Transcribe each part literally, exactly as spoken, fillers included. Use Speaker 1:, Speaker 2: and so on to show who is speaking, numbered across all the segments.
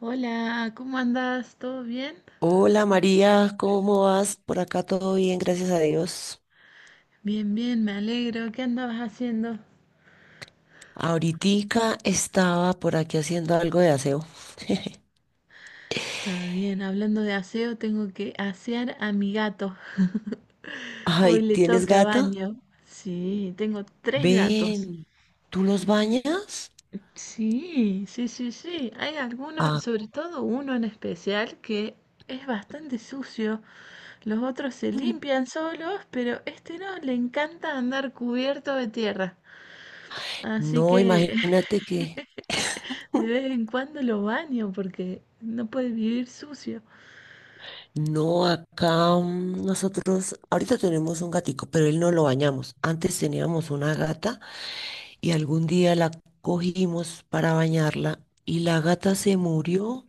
Speaker 1: Hola, ¿cómo andás? ¿Todo bien?
Speaker 2: Hola María, ¿cómo vas? Por acá todo bien, gracias a Dios.
Speaker 1: Bien, bien, me alegro. ¿Qué andabas haciendo?
Speaker 2: Ahoritica estaba por aquí haciendo algo de aseo.
Speaker 1: Está bien, hablando de aseo, tengo que asear a mi gato. Hoy
Speaker 2: Ay,
Speaker 1: le
Speaker 2: ¿tienes
Speaker 1: toca
Speaker 2: gato?
Speaker 1: baño. Sí, tengo tres gatos.
Speaker 2: Ven, ¿tú los bañas?
Speaker 1: Sí, sí, sí, sí. Hay algunos,
Speaker 2: Ah,
Speaker 1: sobre todo uno en especial, que es bastante sucio. Los otros se limpian solos, pero este no, le encanta andar cubierto de tierra. Así
Speaker 2: no,
Speaker 1: que
Speaker 2: imagínate que
Speaker 1: de vez en cuando lo baño porque no puede vivir sucio.
Speaker 2: no, acá mm, nosotros ahorita tenemos un gatico, pero él no lo bañamos. Antes teníamos una gata. y algún día la cogimos para bañarla y la gata se murió.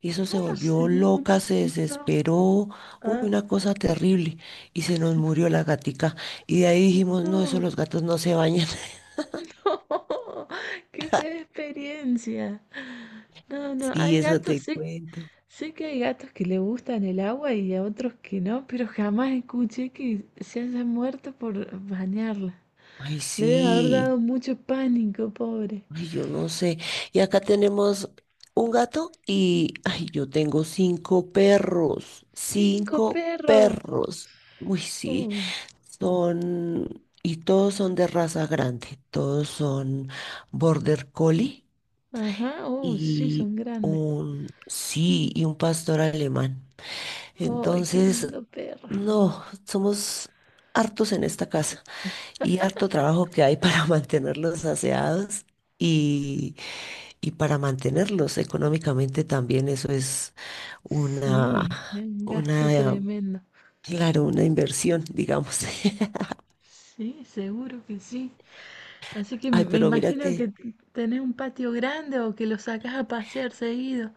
Speaker 2: eso se
Speaker 1: ¿Cómo? Se-
Speaker 2: volvió
Speaker 1: El
Speaker 2: loca, se
Speaker 1: No.
Speaker 2: desesperó, uy,
Speaker 1: Ah.
Speaker 2: una cosa terrible. Y se nos murió la gatica. Y de ahí dijimos, no, eso
Speaker 1: No.
Speaker 2: los gatos no se bañan.
Speaker 1: No. Qué fea experiencia. No, no.
Speaker 2: Sí,
Speaker 1: Hay
Speaker 2: eso
Speaker 1: gatos.
Speaker 2: te
Speaker 1: Sé,
Speaker 2: cuento.
Speaker 1: sé que hay gatos que le gustan el agua y a otros que no, pero jamás escuché que se hayan muerto por bañarla.
Speaker 2: Ay,
Speaker 1: Le debe haber
Speaker 2: sí.
Speaker 1: dado mucho pánico, pobre.
Speaker 2: Ay, yo no sé. Y acá tenemos un gato y, ay, yo tengo cinco perros.
Speaker 1: Cinco
Speaker 2: Cinco
Speaker 1: perros.
Speaker 2: perros. Uy, sí.
Speaker 1: Oh.
Speaker 2: Son, y todos son de raza grande, todos son Border Collie
Speaker 1: Ajá. Oh, sí,
Speaker 2: y
Speaker 1: son grandes.
Speaker 2: un, sí, y un pastor alemán.
Speaker 1: ¡Ay, qué
Speaker 2: Entonces,
Speaker 1: lindo perro!
Speaker 2: no, somos hartos en esta casa y harto trabajo que hay para mantenerlos aseados y, y para mantenerlos económicamente también. Eso es una,
Speaker 1: Sí, es un gasto
Speaker 2: una,
Speaker 1: tremendo.
Speaker 2: claro, una inversión, digamos.
Speaker 1: Sí, seguro que sí. Así que
Speaker 2: Ay,
Speaker 1: me
Speaker 2: pero mira
Speaker 1: imagino que
Speaker 2: que...
Speaker 1: t- tenés un patio grande o que lo sacás a pasear seguido.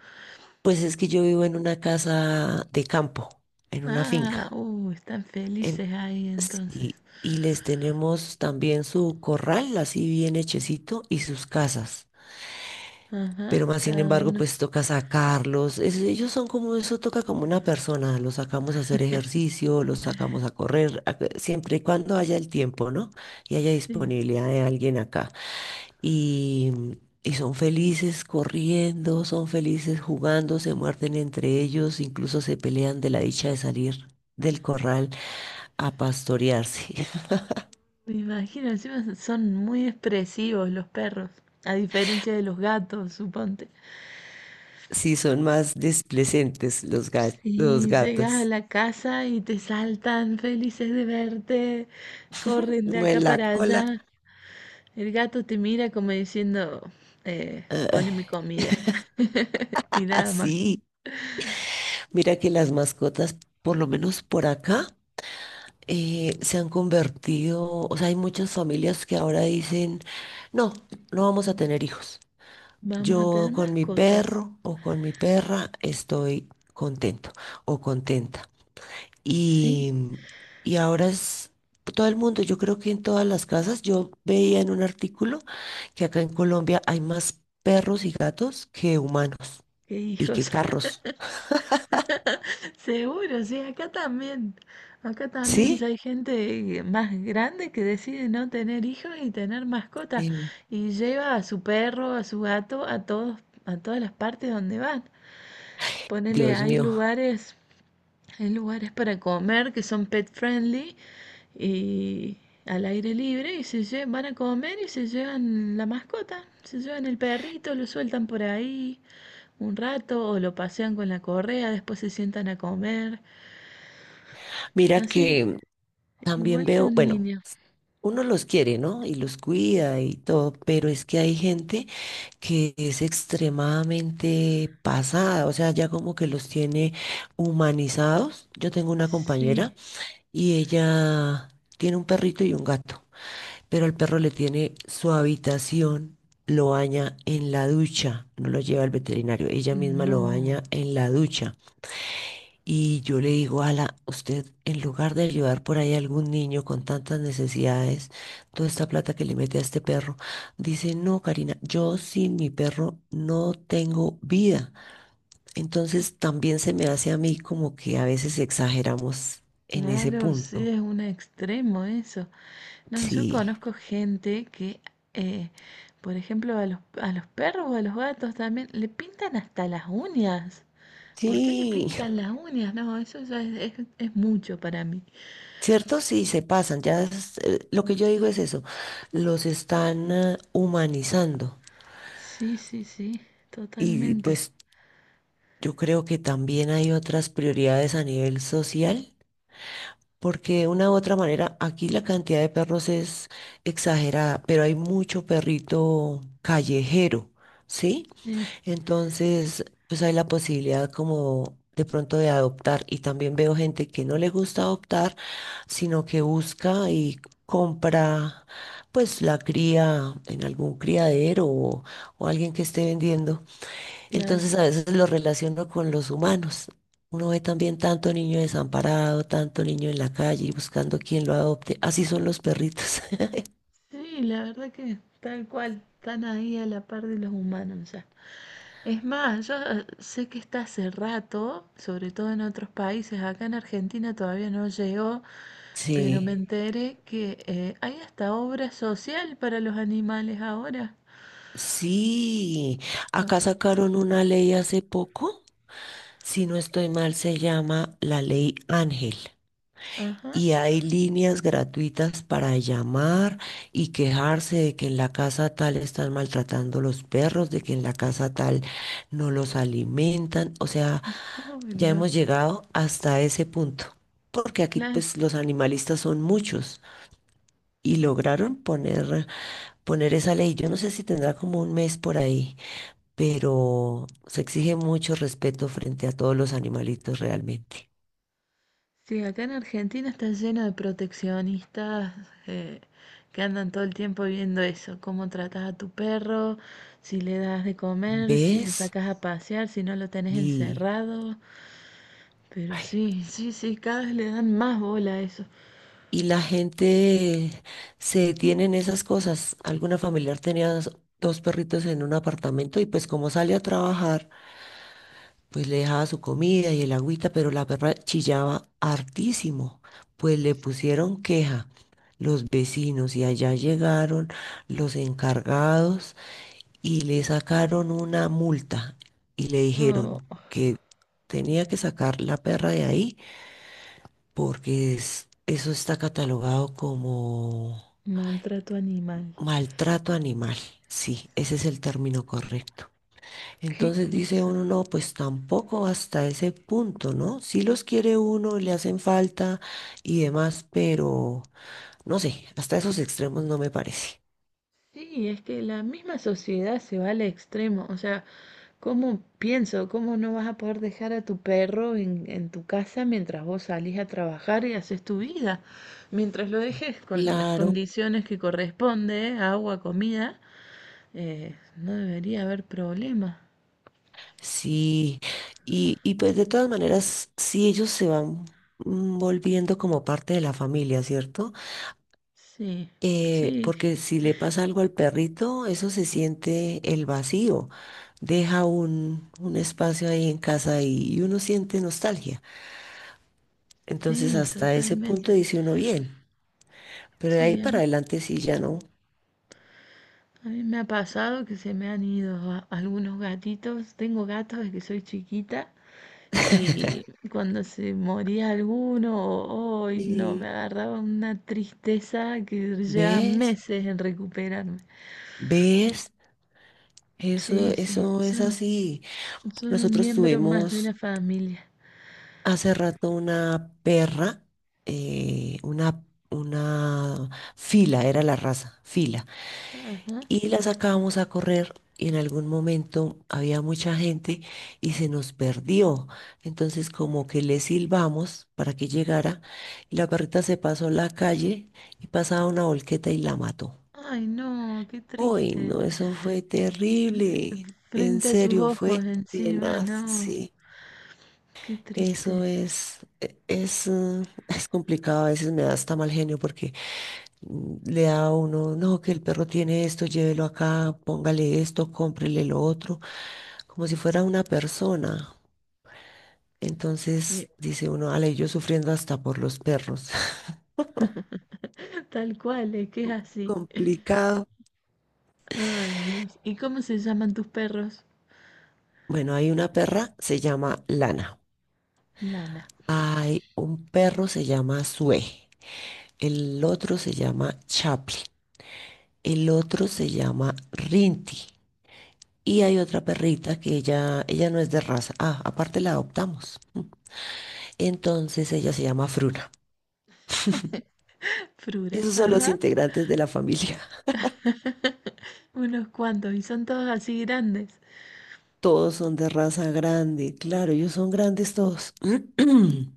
Speaker 2: Pues es que yo vivo en una casa de campo, en una
Speaker 1: Ah,
Speaker 2: finca.
Speaker 1: uh, están
Speaker 2: En-
Speaker 1: felices ahí entonces.
Speaker 2: sí, y les tenemos también su corral, así bien hechecito, y sus casas
Speaker 1: Ajá,
Speaker 2: pero más sin
Speaker 1: cada
Speaker 2: embargo,
Speaker 1: uno.
Speaker 2: pues toca sacarlos. Es- ellos son como eso, toca como una persona. Los sacamos a hacer ejercicio, los sacamos a correr, a- siempre y cuando haya el tiempo, ¿no? Y haya
Speaker 1: Sí,
Speaker 2: disponibilidad de alguien acá. Y, y son felices corriendo, son felices jugando, se muerden entre ellos, incluso se pelean de la dicha de salir del corral a pastorearse.
Speaker 1: me imagino, encima son muy expresivos los perros, a diferencia de los gatos, suponte.
Speaker 2: Sí, son más displecentes los gat- los
Speaker 1: Sí, llegas a
Speaker 2: gatos.
Speaker 1: la casa y te saltan felices de verte, corren de acá
Speaker 2: Mueven la
Speaker 1: para
Speaker 2: cola.
Speaker 1: allá. El gato te mira como diciendo, eh, pone mi
Speaker 2: ah,
Speaker 1: comida. Y nada más.
Speaker 2: Así, mira que las mascotas, por lo menos por acá, eh, se han convertido, o sea, hay muchas familias que ahora dicen, no, no vamos a tener hijos.
Speaker 1: Vamos a tener
Speaker 2: Yo con mi
Speaker 1: mascotas.
Speaker 2: perro o con mi perra estoy contento o contenta.
Speaker 1: Sí,
Speaker 2: Y, y ahora es todo el mundo, yo creo que en todas las casas, yo veía en un artículo que acá en Colombia hay más perros y gatos que humanos
Speaker 1: qué
Speaker 2: y que
Speaker 1: hijos.
Speaker 2: carros.
Speaker 1: Seguro, sí, acá también. Acá también
Speaker 2: ¿Sí?
Speaker 1: ya hay gente más grande que decide no tener hijos y tener mascotas.
Speaker 2: Sí.
Speaker 1: Y lleva a su perro, a su gato, a todos, a todas las partes donde van. Ponele,
Speaker 2: Dios
Speaker 1: hay
Speaker 2: mío.
Speaker 1: lugares, hay lugares para comer que son pet friendly y al aire libre y se lle- van a comer y se llevan la mascota, se llevan el perrito, lo sueltan por ahí un rato o lo pasean con la correa, después se sientan a comer,
Speaker 2: Mira
Speaker 1: así,
Speaker 2: que también
Speaker 1: igual que
Speaker 2: veo,
Speaker 1: un
Speaker 2: bueno,
Speaker 1: niño.
Speaker 2: uno los quiere, ¿no? Y los cuida y todo, pero es que hay gente que es extremadamente pasada, o sea, ya como que los tiene humanizados. Yo tengo una
Speaker 1: Sí,
Speaker 2: compañera y ella tiene un perrito y un gato, pero el perro le tiene su habitación, lo baña en la ducha, no lo lleva al veterinario, ella misma lo
Speaker 1: no,
Speaker 2: baña en la ducha. Y yo le digo, Ala, usted en lugar de ayudar por ahí a algún niño con tantas necesidades, toda esta plata que le mete a este perro, dice, no, Karina, yo sin mi perro no tengo vida. Entonces también se me hace a mí como que a veces exageramos en ese
Speaker 1: claro, sí
Speaker 2: punto.
Speaker 1: es un extremo eso. No, yo
Speaker 2: Sí,
Speaker 1: conozco gente que, eh, por ejemplo, a los, a los perros o a los gatos también le pintan hasta las uñas. ¿Por qué le
Speaker 2: sí,
Speaker 1: pintan las uñas? No, eso ya es, es, es mucho para mí.
Speaker 2: cierto, sí, se pasan. Ya es, eh, lo que yo digo es eso, los están ah, humanizando.
Speaker 1: Sí, sí, sí,
Speaker 2: Y
Speaker 1: totalmente.
Speaker 2: pues Yo creo que también hay otras prioridades a nivel social, porque de una u otra manera aquí la cantidad de perros es exagerada, pero hay mucho perrito callejero, ¿sí?
Speaker 1: Sí,
Speaker 2: Entonces, pues hay la posibilidad como de pronto de adoptar y también veo gente que no le gusta adoptar, sino que busca y compra pues la cría en algún criadero o, o alguien que esté vendiendo.
Speaker 1: claro.
Speaker 2: Entonces a veces lo relaciono con los humanos. Uno ve también tanto niño desamparado, tanto niño en la calle y buscando quien lo adopte. Así son los perritos.
Speaker 1: Sí, la verdad que tal cual, están ahí a la par de los humanos ya. Es más, yo eh, sé que está hace rato, sobre todo en otros países, acá en Argentina todavía no llegó, pero me
Speaker 2: Sí,
Speaker 1: enteré que eh, hay hasta obra social para los animales ahora.
Speaker 2: sí. Acá
Speaker 1: Ah,
Speaker 2: sacaron una ley hace poco, si no estoy mal, se llama la ley Ángel.
Speaker 1: ajá,
Speaker 2: Y hay líneas gratuitas para llamar y quejarse de que en la casa tal están maltratando los perros, de que en la casa tal no los alimentan. O sea,
Speaker 1: uy,
Speaker 2: ya
Speaker 1: no.
Speaker 2: hemos llegado hasta ese punto, porque aquí
Speaker 1: Claro,
Speaker 2: pues los animalistas son muchos y lograron poner, poner esa ley. Yo no sé si tendrá como un mes por ahí, pero se exige mucho respeto frente a todos los animalitos realmente.
Speaker 1: sí, acá en Argentina está lleno de proteccionistas, eh, que andan todo el tiempo viendo eso, cómo tratas a tu perro, si le das de comer, si lo
Speaker 2: ¿Ves?
Speaker 1: sacas a pasear, si no lo tenés
Speaker 2: Y...
Speaker 1: encerrado. Pero
Speaker 2: ay,
Speaker 1: sí, sí, sí, cada vez le dan más bola a eso.
Speaker 2: y la gente se detiene en esas cosas. Alguna familiar tenía dos dos perritos en un apartamento y pues como sale a trabajar, pues le dejaba su comida y el agüita, pero la perra chillaba hartísimo. Pues le pusieron queja los vecinos y allá llegaron los encargados y le sacaron una multa y le
Speaker 1: No,
Speaker 2: dijeron que tenía que sacar la perra de ahí porque es- eso está catalogado como
Speaker 1: maltrato animal.
Speaker 2: Maltrato animal, sí, ese es el término correcto.
Speaker 1: Qué
Speaker 2: Entonces dice
Speaker 1: cosa.
Speaker 2: uno, no, pues tampoco hasta ese punto, ¿no? Sí los quiere uno, le hacen falta y demás, pero no sé, hasta esos extremos no me parece.
Speaker 1: Sí, es que la misma sociedad se va al extremo. O sea, ¿cómo pienso? ¿Cómo no vas a poder dejar a tu perro en, en tu casa mientras vos salís a trabajar y haces tu vida? Mientras lo dejes con las
Speaker 2: Claro,
Speaker 1: condiciones que corresponde, agua, comida, eh, no debería haber problema.
Speaker 2: sí. Y, y pues de todas maneras, sí ellos se van mm, volviendo como parte de la familia, ¿cierto?
Speaker 1: Sí,
Speaker 2: Eh,
Speaker 1: sí,
Speaker 2: porque si le pasa algo al perrito, eso se siente el vacío. Deja un, un espacio ahí en casa y, y uno siente nostalgia. Entonces
Speaker 1: sí,
Speaker 2: hasta ese punto
Speaker 1: totalmente.
Speaker 2: dice uno bien, pero de ahí
Speaker 1: Sí, a
Speaker 2: para
Speaker 1: mí,
Speaker 2: adelante sí ya no.
Speaker 1: a mí me ha pasado que se me han ido a- algunos gatitos. Tengo gatos desde que soy chiquita. Y cuando se moría alguno, hoy no, me
Speaker 2: Sí.
Speaker 1: agarraba una tristeza que lleva
Speaker 2: ¿Ves?
Speaker 1: meses en recuperarme.
Speaker 2: ¿Ves? Eso,
Speaker 1: Sí, sí,
Speaker 2: eso es
Speaker 1: son,
Speaker 2: así.
Speaker 1: son un
Speaker 2: Nosotros
Speaker 1: miembro más de
Speaker 2: tuvimos
Speaker 1: la familia.
Speaker 2: hace rato una perra, eh, una, una fila, era la raza, fila.
Speaker 1: Ajá.
Speaker 2: y la sacábamos a correr. Y en algún momento había mucha gente y se nos perdió. Entonces como que le silbamos para que llegara y la perrita se pasó la calle y pasaba una volqueta y la mató.
Speaker 1: Ay, no, qué
Speaker 2: Uy,
Speaker 1: triste.
Speaker 2: no, eso fue
Speaker 1: Eh,
Speaker 2: terrible. En
Speaker 1: Frente a tus
Speaker 2: serio,
Speaker 1: ojos
Speaker 2: fue
Speaker 1: encima,
Speaker 2: tenaz,
Speaker 1: no,
Speaker 2: sí.
Speaker 1: qué
Speaker 2: Eso
Speaker 1: triste.
Speaker 2: es, e- es, mm, es complicado. A veces me da hasta mal genio porque mm, le da a uno, no, que el perro tiene esto, llévelo acá, póngale esto, cómprele lo otro, como si fuera una persona.
Speaker 1: Sí,
Speaker 2: Entonces dice uno, ale, yo sufriendo hasta por los perros.
Speaker 1: tal cual, es que es así.
Speaker 2: Complicado.
Speaker 1: Ay, Dios. ¿Y cómo se llaman tus perros?
Speaker 2: Bueno, hay una perra, se llama Lana.
Speaker 1: Lana,
Speaker 2: Hay un perro, se llama Sue. El otro se llama Chaplin. El otro se llama Rinty. Y hay otra perrita que ella, ella no es de raza. Ah, aparte la adoptamos. Entonces ella se llama Fruna.
Speaker 1: Frura.
Speaker 2: Esos son los
Speaker 1: Ajá.
Speaker 2: integrantes de la familia.
Speaker 1: Unos cuantos, y son todos así grandes.
Speaker 2: Todos son de raza grande. Claro, ellos son grandes todos.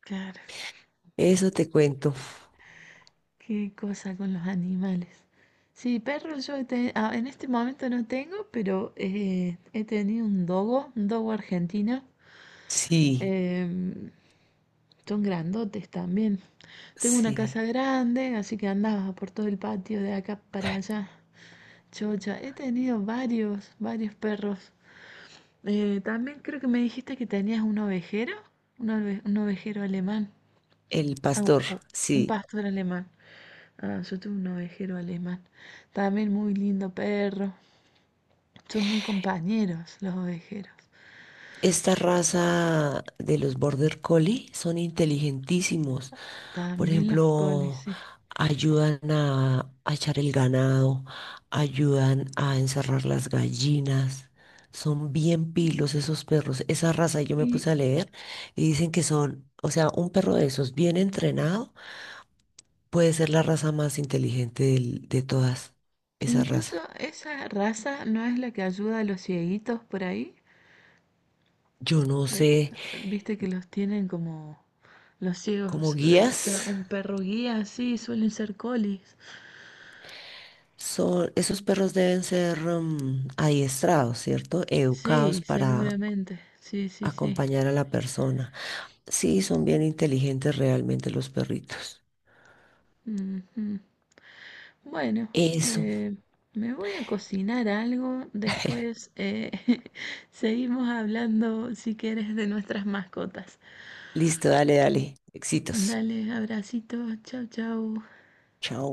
Speaker 1: Claro,
Speaker 2: Eso te cuento.
Speaker 1: qué cosa con los animales. Sí, perros yo he te- ah, en este momento no tengo, pero eh, he tenido un dogo, un dogo argentino.
Speaker 2: Sí,
Speaker 1: Em, son grandotes también. Tengo una casa
Speaker 2: sí.
Speaker 1: grande, así que andaba por todo el patio de acá para allá. Chocha, he tenido varios, varios perros. Eh, también creo que me dijiste que tenías un ovejero, un ove- un ovejero alemán.
Speaker 2: El
Speaker 1: Au,
Speaker 2: pastor,
Speaker 1: au, un
Speaker 2: sí.
Speaker 1: pastor alemán. Ah, yo tuve un ovejero alemán. También muy lindo perro. Son muy compañeros los ovejeros.
Speaker 2: Esta raza de los Border Collie son inteligentísimos. Por
Speaker 1: También los colis,
Speaker 2: ejemplo,
Speaker 1: sí.
Speaker 2: ayudan a, a echar el ganado, ayudan a encerrar las gallinas. Son bien pilos esos perros. Esa raza yo me
Speaker 1: Y
Speaker 2: puse a leer y dicen que son, o sea, un perro de esos bien entrenado puede ser la raza más inteligente del- de todas esa
Speaker 1: incluso
Speaker 2: raza.
Speaker 1: esa raza no es la que ayuda a los cieguitos por ahí.
Speaker 2: Yo no
Speaker 1: Eh,
Speaker 2: sé,
Speaker 1: Viste que los tienen como los
Speaker 2: como
Speaker 1: ciegos. Eh, sea
Speaker 2: guías.
Speaker 1: un perro guía, sí, suelen ser colis.
Speaker 2: Son, esos perros deben ser mm, adiestrados, ¿cierto? Educados
Speaker 1: Sí,
Speaker 2: para
Speaker 1: seguramente. Sí, sí, sí.
Speaker 2: acompañar a la persona. Sí, son bien inteligentes realmente los perritos.
Speaker 1: Ujú. Bueno,
Speaker 2: Eso.
Speaker 1: eh, me voy a cocinar algo, después eh, seguimos hablando si quieres de nuestras mascotas.
Speaker 2: Listo, dale, dale. Éxitos.
Speaker 1: Dale, abracito, chau, chau.
Speaker 2: Chao.